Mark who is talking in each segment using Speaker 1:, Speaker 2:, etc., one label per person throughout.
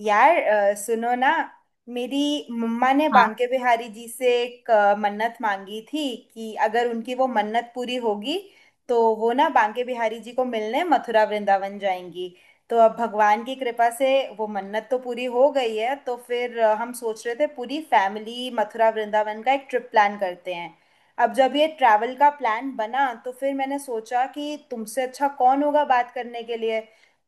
Speaker 1: यार सुनो ना। मेरी मम्मा ने
Speaker 2: हाँ।
Speaker 1: बांके बिहारी जी से एक मन्नत मांगी थी कि अगर उनकी वो मन्नत पूरी होगी तो वो ना बांके बिहारी जी को मिलने मथुरा वृंदावन जाएंगी। तो अब भगवान की कृपा से वो मन्नत तो पूरी हो गई है, तो फिर हम सोच रहे थे पूरी फैमिली मथुरा वृंदावन का एक ट्रिप प्लान करते हैं। अब जब ये ट्रैवल का प्लान बना तो फिर मैंने सोचा कि तुमसे अच्छा कौन होगा बात करने के लिए।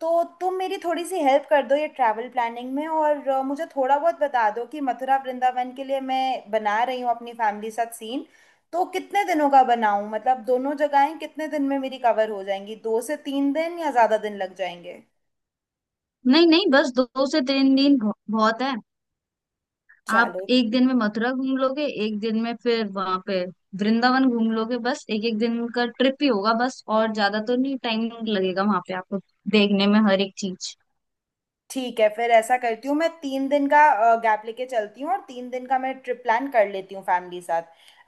Speaker 1: तो तुम मेरी थोड़ी सी हेल्प कर दो ये ट्रैवल प्लानिंग में, और मुझे थोड़ा बहुत बता दो कि मथुरा वृंदावन के लिए मैं बना रही हूँ अपनी फैमिली साथ सीन। तो कितने दिनों का बनाऊं, मतलब दोनों जगहें कितने दिन में मेरी कवर हो जाएंगी? दो से तीन दिन या ज़्यादा दिन लग जाएंगे?
Speaker 2: नहीं नहीं बस 2 से 3 दिन बहुत है। आप
Speaker 1: चलो,
Speaker 2: एक दिन में मथुरा घूम लोगे, एक दिन में फिर वहां पे वृंदावन घूम लोगे। बस एक एक दिन का ट्रिप ही होगा। बस और ज्यादा तो नहीं टाइम लगेगा वहां पे आपको देखने में हर एक चीज।
Speaker 1: ठीक है, फिर ऐसा करती हूँ, मैं तीन दिन का गैप लेके चलती हूँ और तीन दिन का मैं ट्रिप प्लान कर लेती हूँ फैमिली साथ।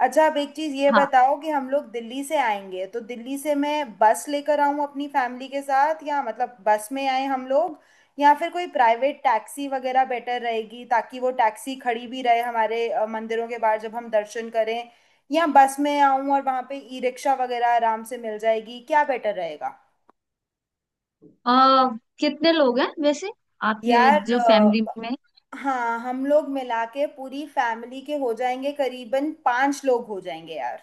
Speaker 1: अच्छा, अब एक चीज़ ये
Speaker 2: हाँ।
Speaker 1: बताओ कि हम लोग दिल्ली से आएंगे, तो दिल्ली से मैं बस लेकर आऊँ अपनी फैमिली के साथ, या मतलब बस में आए हम लोग, या फिर कोई प्राइवेट टैक्सी वगैरह बेटर रहेगी ताकि वो टैक्सी खड़ी भी रहे हमारे मंदिरों के बाहर जब हम दर्शन करें? या बस में आऊँ और वहाँ पे ई रिक्शा वगैरह आराम से मिल जाएगी? क्या बेटर रहेगा?
Speaker 2: कितने लोग हैं वैसे आपके
Speaker 1: यार,
Speaker 2: जो फैमिली में?
Speaker 1: हाँ, हम लोग मिला के पूरी फैमिली के हो जाएंगे करीबन 5 लोग हो जाएंगे यार।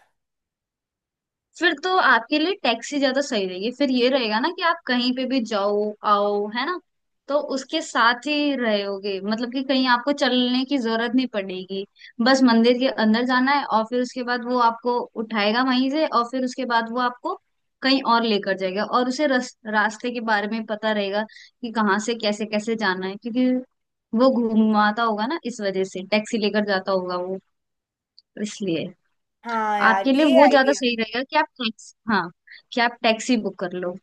Speaker 2: फिर तो आपके लिए टैक्सी ज्यादा सही रहेगी। फिर ये रहेगा ना कि आप कहीं पे भी जाओ आओ, है ना। तो उसके साथ ही रहोगे, मतलब कि कहीं आपको चलने की जरूरत नहीं पड़ेगी। बस मंदिर के अंदर जाना है और फिर उसके बाद वो आपको उठाएगा वहीं से, और फिर उसके बाद वो आपको कहीं और लेकर जाएगा और उसे रास्ते के बारे में पता रहेगा कि कहाँ से कैसे कैसे जाना है, क्योंकि वो घूमाता होगा ना, इस वजह से टैक्सी लेकर जाता होगा वो, इसलिए।
Speaker 1: हाँ यार,
Speaker 2: आपके लिए
Speaker 1: ये
Speaker 2: वो ज्यादा
Speaker 1: आइडिया।
Speaker 2: सही रहेगा कि आप टैक्सी, हाँ, कि आप टैक्सी बुक कर लो।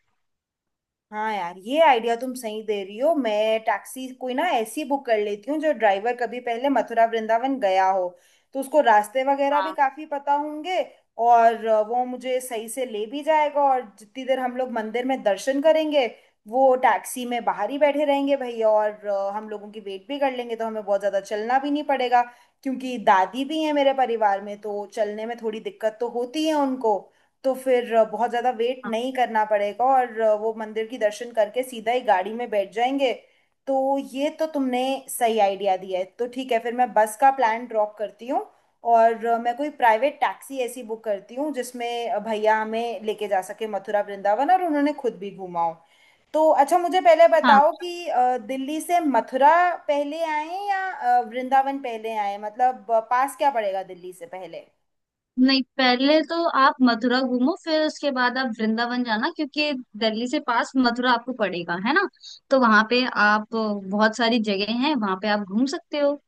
Speaker 1: हाँ यार, ये आइडिया तुम सही दे रही हो। मैं टैक्सी कोई ना ऐसी बुक कर लेती हूँ जो ड्राइवर कभी पहले मथुरा वृंदावन गया हो, तो उसको रास्ते वगैरह भी
Speaker 2: हाँ
Speaker 1: काफी पता होंगे और वो मुझे सही से ले भी जाएगा। और जितनी देर हम लोग मंदिर में दर्शन करेंगे, वो टैक्सी में बाहर ही बैठे रहेंगे भैया और हम लोगों की वेट भी कर लेंगे, तो हमें बहुत ज्यादा चलना भी नहीं पड़ेगा क्योंकि दादी भी है मेरे परिवार में, तो चलने में थोड़ी दिक्कत तो होती है उनको। तो फिर बहुत ज्यादा वेट
Speaker 2: हाँ
Speaker 1: नहीं करना पड़ेगा और वो मंदिर की दर्शन करके सीधा ही गाड़ी में बैठ जाएंगे। तो ये तो तुमने सही आइडिया दिया है। तो ठीक है, फिर मैं बस का प्लान ड्रॉप करती हूँ और मैं कोई प्राइवेट टैक्सी ऐसी बुक करती हूँ जिसमें भैया हमें लेके जा सके मथुरा वृंदावन, और उन्होंने खुद भी घूमा हो। तो अच्छा, मुझे पहले
Speaker 2: हाँ।
Speaker 1: बताओ कि दिल्ली से मथुरा पहले आए या वृंदावन पहले आए? मतलब पास क्या पड़ेगा दिल्ली से पहले?
Speaker 2: नहीं पहले तो आप मथुरा घूमो, फिर उसके बाद आप वृंदावन जाना, क्योंकि दिल्ली से पास मथुरा आपको पड़ेगा, है ना। तो वहां पे आप बहुत सारी जगह हैं, वहां पे आप घूम सकते हो।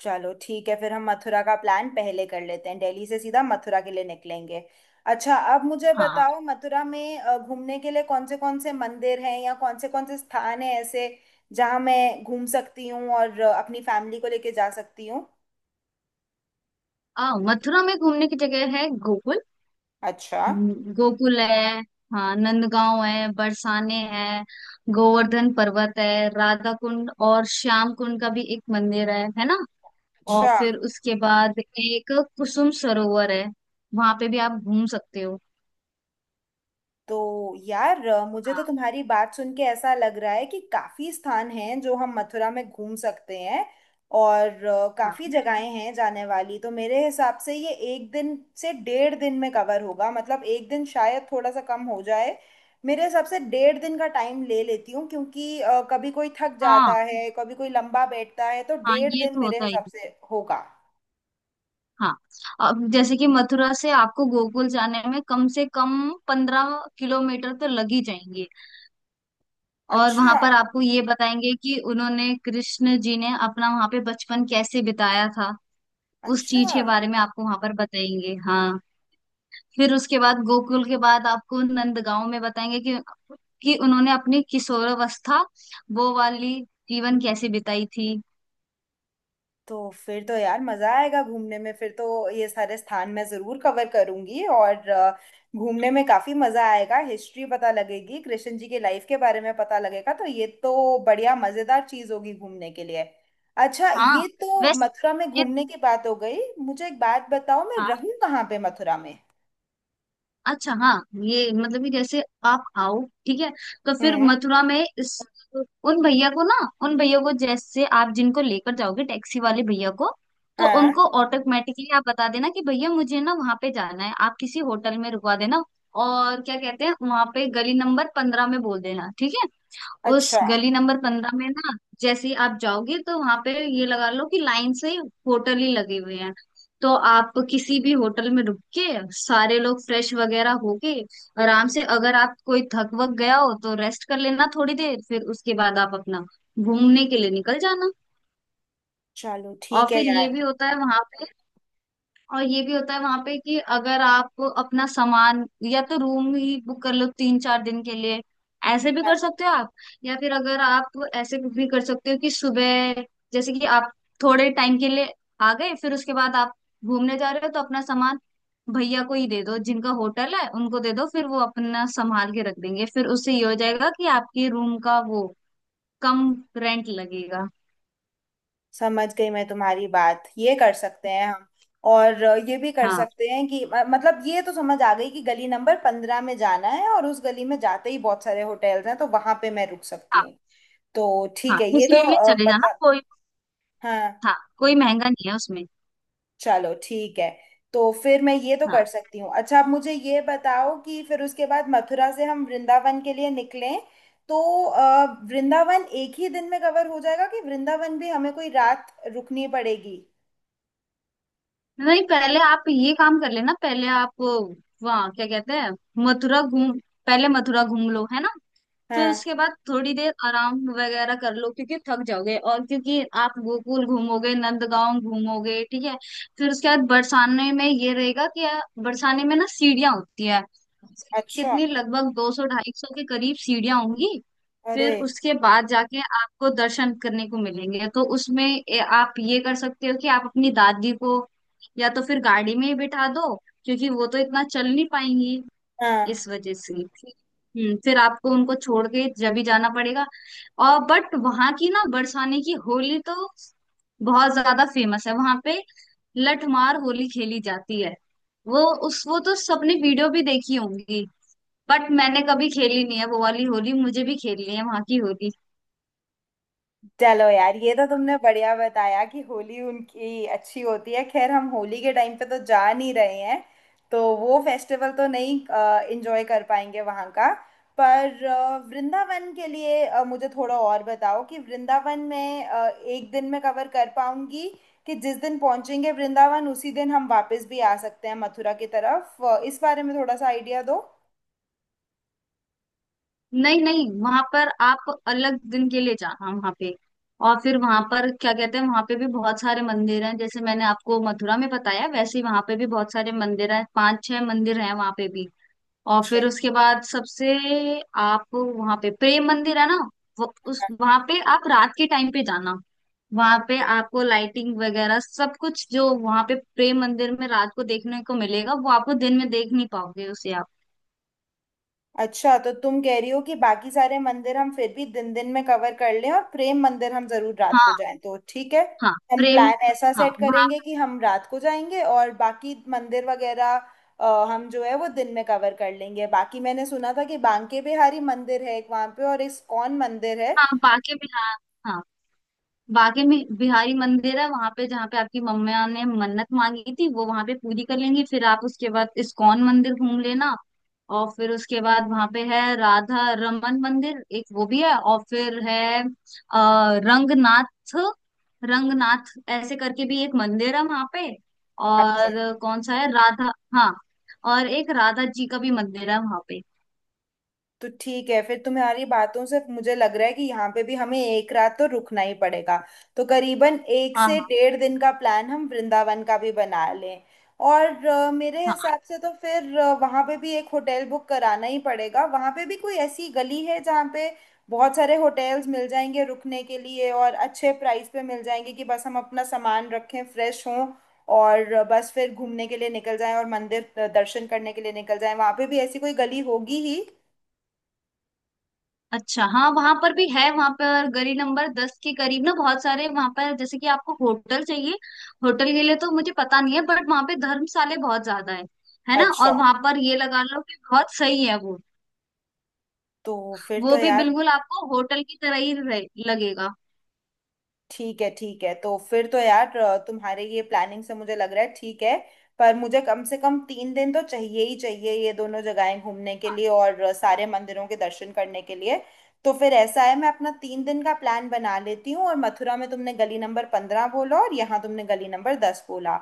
Speaker 1: चलो ठीक है, फिर हम मथुरा का प्लान पहले कर लेते हैं, दिल्ली से सीधा मथुरा के लिए निकलेंगे। अच्छा, अब मुझे
Speaker 2: हाँ।
Speaker 1: बताओ मथुरा में घूमने के लिए कौन से मंदिर हैं या कौन से स्थान हैं ऐसे जहां मैं घूम सकती हूँ और अपनी फैमिली को लेके जा सकती हूँ?
Speaker 2: मथुरा में घूमने की जगह है गोकुल।
Speaker 1: अच्छा।
Speaker 2: गोकुल है। हाँ, नंदगांव है, बरसाने है, गोवर्धन पर्वत है, राधा कुंड और श्याम कुंड का भी एक मंदिर है ना। और
Speaker 1: अच्छा।
Speaker 2: फिर उसके बाद एक कुसुम सरोवर है, वहां पे भी आप घूम सकते हो।
Speaker 1: तो यार, मुझे तो
Speaker 2: हाँ
Speaker 1: तुम्हारी बात सुन के ऐसा लग रहा है कि काफी स्थान हैं जो हम मथुरा में घूम सकते हैं और
Speaker 2: हाँ
Speaker 1: काफी जगहें हैं जाने वाली। तो मेरे हिसाब से ये एक दिन से डेढ़ दिन में कवर होगा, मतलब एक दिन शायद थोड़ा सा कम हो जाए। मेरे हिसाब से डेढ़ दिन का टाइम ले लेती हूँ क्योंकि कभी कोई थक
Speaker 2: हाँ।
Speaker 1: जाता है कभी कोई लंबा बैठता है, तो
Speaker 2: हाँ
Speaker 1: डेढ़
Speaker 2: ये
Speaker 1: दिन
Speaker 2: तो
Speaker 1: मेरे
Speaker 2: होता ही
Speaker 1: हिसाब
Speaker 2: है।
Speaker 1: से होगा।
Speaker 2: हाँ अब जैसे कि मथुरा से आपको गोकुल जाने में कम से कम 15 किलोमीटर तो लग ही जाएंगे। और वहां
Speaker 1: अच्छा।
Speaker 2: पर आपको ये बताएंगे कि उन्होंने कृष्ण जी ने अपना वहां पे बचपन कैसे बिताया था। उस चीज
Speaker 1: अच्छा।
Speaker 2: के बारे में आपको वहां पर बताएंगे। हाँ फिर उसके बाद गोकुल के बाद आपको नंदगांव में बताएंगे कि उन्होंने अपनी किशोरावस्था, वो वाली जीवन कैसे बिताई थी।
Speaker 1: तो फिर तो यार मजा आएगा घूमने में, फिर तो ये सारे स्थान मैं जरूर कवर करूंगी और घूमने में काफी मजा आएगा, हिस्ट्री पता लगेगी, कृष्ण जी की लाइफ के बारे में पता लगेगा, तो ये तो बढ़िया मजेदार चीज होगी घूमने के लिए। अच्छा,
Speaker 2: हाँ
Speaker 1: ये तो
Speaker 2: वैसे
Speaker 1: मथुरा में
Speaker 2: ये-
Speaker 1: घूमने की बात हो गई। मुझे एक बात बताओ, मैं
Speaker 2: हाँ
Speaker 1: रहूं कहाँ पे मथुरा में?
Speaker 2: अच्छा। हाँ ये मतलब कि जैसे आप आओ, ठीक है, तो फिर
Speaker 1: हम्म।
Speaker 2: मथुरा में इस, उन भैया को ना, उन भैया को जैसे आप जिनको लेकर जाओगे टैक्सी वाले भैया को, तो
Speaker 1: हाँ।
Speaker 2: उनको ऑटोमेटिकली आप बता देना कि भैया मुझे ना वहां पे जाना है, आप किसी होटल में रुकवा देना। और क्या कहते हैं वहां पे गली नंबर 15 में बोल देना, ठीक है। उस
Speaker 1: अच्छा।
Speaker 2: गली नंबर 15 में ना जैसे ही आप जाओगे तो वहां पे, ये लगा लो कि लाइन से होटल ही लगे हुए हैं। तो आप किसी भी होटल में रुक के, सारे लोग फ्रेश वगैरह होके आराम से, अगर आप कोई थक वक गया हो तो रेस्ट कर लेना थोड़ी देर, फिर उसके बाद आप अपना घूमने के लिए निकल जाना।
Speaker 1: चलो
Speaker 2: और
Speaker 1: ठीक है
Speaker 2: फिर
Speaker 1: यार।
Speaker 2: ये भी होता है वहां पे, और ये भी होता है वहां पे, कि अगर आप अपना सामान, या तो रूम ही बुक कर लो 3 4 दिन के लिए, ऐसे भी कर सकते हो आप। या फिर अगर आप ऐसे भी कर सकते हो कि सुबह जैसे कि आप थोड़े टाइम के लिए आ गए, फिर उसके बाद आप घूमने जा रहे हो तो अपना सामान भैया को ही दे दो, जिनका होटल है उनको दे दो, फिर वो अपना संभाल के रख देंगे, फिर उससे ये हो जाएगा कि आपके रूम का वो कम रेंट लगेगा।
Speaker 1: समझ गई मैं तुम्हारी बात, ये कर सकते हैं हम और ये भी कर
Speaker 2: हाँ
Speaker 1: सकते हैं कि मतलब, ये तो समझ आ गई कि गली नंबर 15 में जाना है और उस गली में जाते ही बहुत सारे होटल्स हैं, तो वहां पे मैं रुक सकती
Speaker 2: हाँ
Speaker 1: हूँ। तो
Speaker 2: हाँ
Speaker 1: ठीक है, ये तो
Speaker 2: इसलिए भी चले जाना,
Speaker 1: पता।
Speaker 2: कोई,
Speaker 1: हाँ।
Speaker 2: हाँ कोई महंगा नहीं है उसमें।
Speaker 1: चलो ठीक है, तो फिर मैं ये तो कर
Speaker 2: हाँ
Speaker 1: सकती हूँ। अच्छा, आप मुझे ये बताओ कि फिर उसके बाद मथुरा से हम वृंदावन के लिए निकलें, तो वृंदावन एक ही दिन में कवर हो जाएगा कि वृंदावन भी हमें कोई रात रुकनी पड़ेगी?
Speaker 2: नहीं पहले आप ये काम कर लेना, पहले आप वहाँ क्या कहते हैं, मथुरा घूम, पहले मथुरा घूम लो, है ना। फिर
Speaker 1: हाँ।
Speaker 2: उसके बाद थोड़ी देर आराम वगैरह कर लो, क्योंकि थक जाओगे और क्योंकि आप गोकुल घूमोगे नंदगांव घूमोगे, ठीक है। फिर उसके बाद बरसाने में ये रहेगा कि बरसाने में ना सीढ़ियाँ होती है।
Speaker 1: अच्छा।
Speaker 2: कितनी, लगभग 200 250 के करीब सीढ़ियाँ होंगी।
Speaker 1: अरे।
Speaker 2: फिर उसके बाद जाके आपको दर्शन करने को मिलेंगे, तो उसमें आप ये कर सकते हो कि आप अपनी दादी को या तो फिर गाड़ी में ही बिठा दो, क्योंकि वो तो इतना चल नहीं पाएंगी,
Speaker 1: हाँ।
Speaker 2: इस वजह से। ठीक। फिर आपको उनको छोड़ के जब भी जाना पड़ेगा। और बट वहां की ना बरसाने की होली तो बहुत ज्यादा फेमस है वहां पे, लठमार होली खेली जाती है। वो उस, वो तो सबने वीडियो भी देखी होंगी, बट मैंने कभी खेली नहीं है वो वाली होली, मुझे भी खेलनी है वहां की होली।
Speaker 1: चलो यार, ये तो तुमने बढ़िया बताया कि होली उनकी अच्छी होती है। खैर हम होली के टाइम पे तो जा नहीं रहे हैं, तो वो फेस्टिवल तो नहीं एंजॉय कर पाएंगे वहाँ का। पर वृंदावन के लिए मुझे थोड़ा और बताओ कि वृंदावन में एक दिन में कवर कर पाऊंगी कि जिस दिन पहुंचेंगे वृंदावन उसी दिन हम वापस भी आ सकते हैं मथुरा की तरफ? इस बारे में थोड़ा सा आइडिया दो।
Speaker 2: नहीं नहीं वहां पर आप अलग दिन के लिए जाना वहां पे। और फिर वहां पर क्या कहते हैं, वहां पे भी बहुत सारे मंदिर हैं, जैसे मैंने आपको मथुरा में बताया वैसे ही वहां पे भी बहुत सारे मंदिर हैं, पांच छह मंदिर हैं वहां पे भी। और फिर उसके बाद सबसे, आप वहां पे प्रेम मंदिर है ना, वो उस, वहां पे आप रात के टाइम पे जाना। वहां पे आपको लाइटिंग वगैरह सब कुछ जो वहां पे प्रेम मंदिर में रात को देखने को मिलेगा वो आपको दिन में देख नहीं पाओगे उसे आप।
Speaker 1: अच्छा, तो तुम कह रही हो कि बाकी सारे मंदिर हम फिर भी दिन दिन में कवर कर लें और प्रेम मंदिर हम जरूर रात को
Speaker 2: हाँ।
Speaker 1: जाएं? तो ठीक है,
Speaker 2: हाँ
Speaker 1: हम
Speaker 2: प्रेम।
Speaker 1: प्लान ऐसा
Speaker 2: हाँ
Speaker 1: सेट
Speaker 2: वहां।
Speaker 1: करेंगे कि हम रात को जाएंगे और बाकी मंदिर वगैरह हम जो है वो दिन में कवर कर लेंगे। बाकी मैंने सुना था कि बांके बिहारी मंदिर है एक वहां पे और इस्कॉन मंदिर है।
Speaker 2: हाँ बांके बिहार। हाँ बांके में बिहारी मंदिर है वहां पे, जहाँ पे आपकी मम्मा ने मन्नत मांगी थी वो वहां पे पूरी कर लेंगी। फिर आप उसके बाद इस्कॉन मंदिर घूम लेना। और फिर उसके बाद वहां पे है राधा रमन मंदिर, एक वो भी है। और फिर है रंगनाथ, रंगनाथ ऐसे करके भी एक मंदिर है वहां पे।
Speaker 1: अच्छा।
Speaker 2: और कौन सा है राधा, हाँ, और एक राधा जी का भी मंदिर है वहां पे।
Speaker 1: तो ठीक है, फिर तुम्हारी बातों से मुझे लग रहा है कि यहाँ पे भी हमें एक रात तो रुकना ही पड़ेगा, तो करीबन एक
Speaker 2: हाँ
Speaker 1: से
Speaker 2: हाँ
Speaker 1: डेढ़ दिन का प्लान हम वृंदावन का भी बना लें। और मेरे
Speaker 2: हाँ।
Speaker 1: हिसाब से तो फिर वहाँ पे भी एक होटल बुक कराना ही पड़ेगा। वहाँ पे भी कोई ऐसी गली है जहाँ पे बहुत सारे होटल्स मिल जाएंगे रुकने के लिए और अच्छे प्राइस पे मिल जाएंगे, कि बस हम अपना सामान रखें, फ्रेश हों और बस फिर घूमने के लिए निकल जाएं और मंदिर दर्शन करने के लिए निकल जाएं? वहाँ पे भी ऐसी कोई गली होगी ही।
Speaker 2: अच्छा हाँ वहां पर भी है। वहां पर गली नंबर 10 के करीब ना, बहुत सारे वहां पर जैसे कि आपको होटल चाहिए। होटल के लिए तो मुझे पता नहीं है, बट वहां पे धर्मशाले बहुत ज्यादा है ना।
Speaker 1: अच्छा,
Speaker 2: और वहां पर ये लगा लो कि बहुत सही है वो
Speaker 1: तो फिर तो
Speaker 2: वो भी
Speaker 1: यार,
Speaker 2: बिल्कुल आपको होटल की तरह ही लगेगा।
Speaker 1: ठीक है ठीक है, तो फिर तो यार तुम्हारे ये प्लानिंग से मुझे लग रहा है ठीक है। पर मुझे कम से कम तीन दिन तो चाहिए ही चाहिए ये दोनों जगहें घूमने के लिए और सारे मंदिरों के दर्शन करने के लिए। तो फिर ऐसा है, मैं अपना 3 दिन का प्लान बना लेती हूँ, और मथुरा में तुमने गली नंबर 15 बोला और यहाँ तुमने गली नंबर 10 बोला,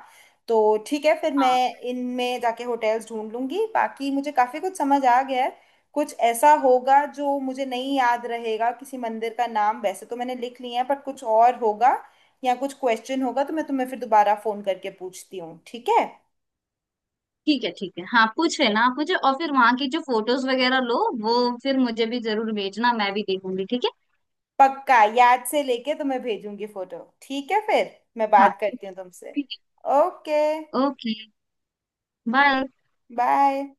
Speaker 1: तो ठीक है, फिर
Speaker 2: हाँ
Speaker 1: मैं इनमें जाके होटल्स ढूंढ लूंगी, बाकी मुझे काफ़ी कुछ समझ आ गया है। कुछ ऐसा होगा जो मुझे नहीं याद रहेगा किसी मंदिर का नाम, वैसे तो मैंने लिख लिया है, पर कुछ और होगा या कुछ क्वेश्चन होगा तो मैं तुम्हें फिर दोबारा फोन करके पूछती हूँ, ठीक है?
Speaker 2: ठीक है ठीक है, हाँ पूछ लेना आप मुझे, और फिर वहां की जो फोटोज वगैरह लो वो फिर मुझे भी जरूर भेजना, मैं भी देखूंगी, ठीक है।
Speaker 1: पक्का याद से लेके तुम्हें भेजूंगी फोटो, ठीक है? फिर मैं
Speaker 2: हाँ
Speaker 1: बात
Speaker 2: ठीक
Speaker 1: करती
Speaker 2: है
Speaker 1: हूँ तुमसे।
Speaker 2: ठीक
Speaker 1: ओके,
Speaker 2: है। Okay bye.
Speaker 1: बाय।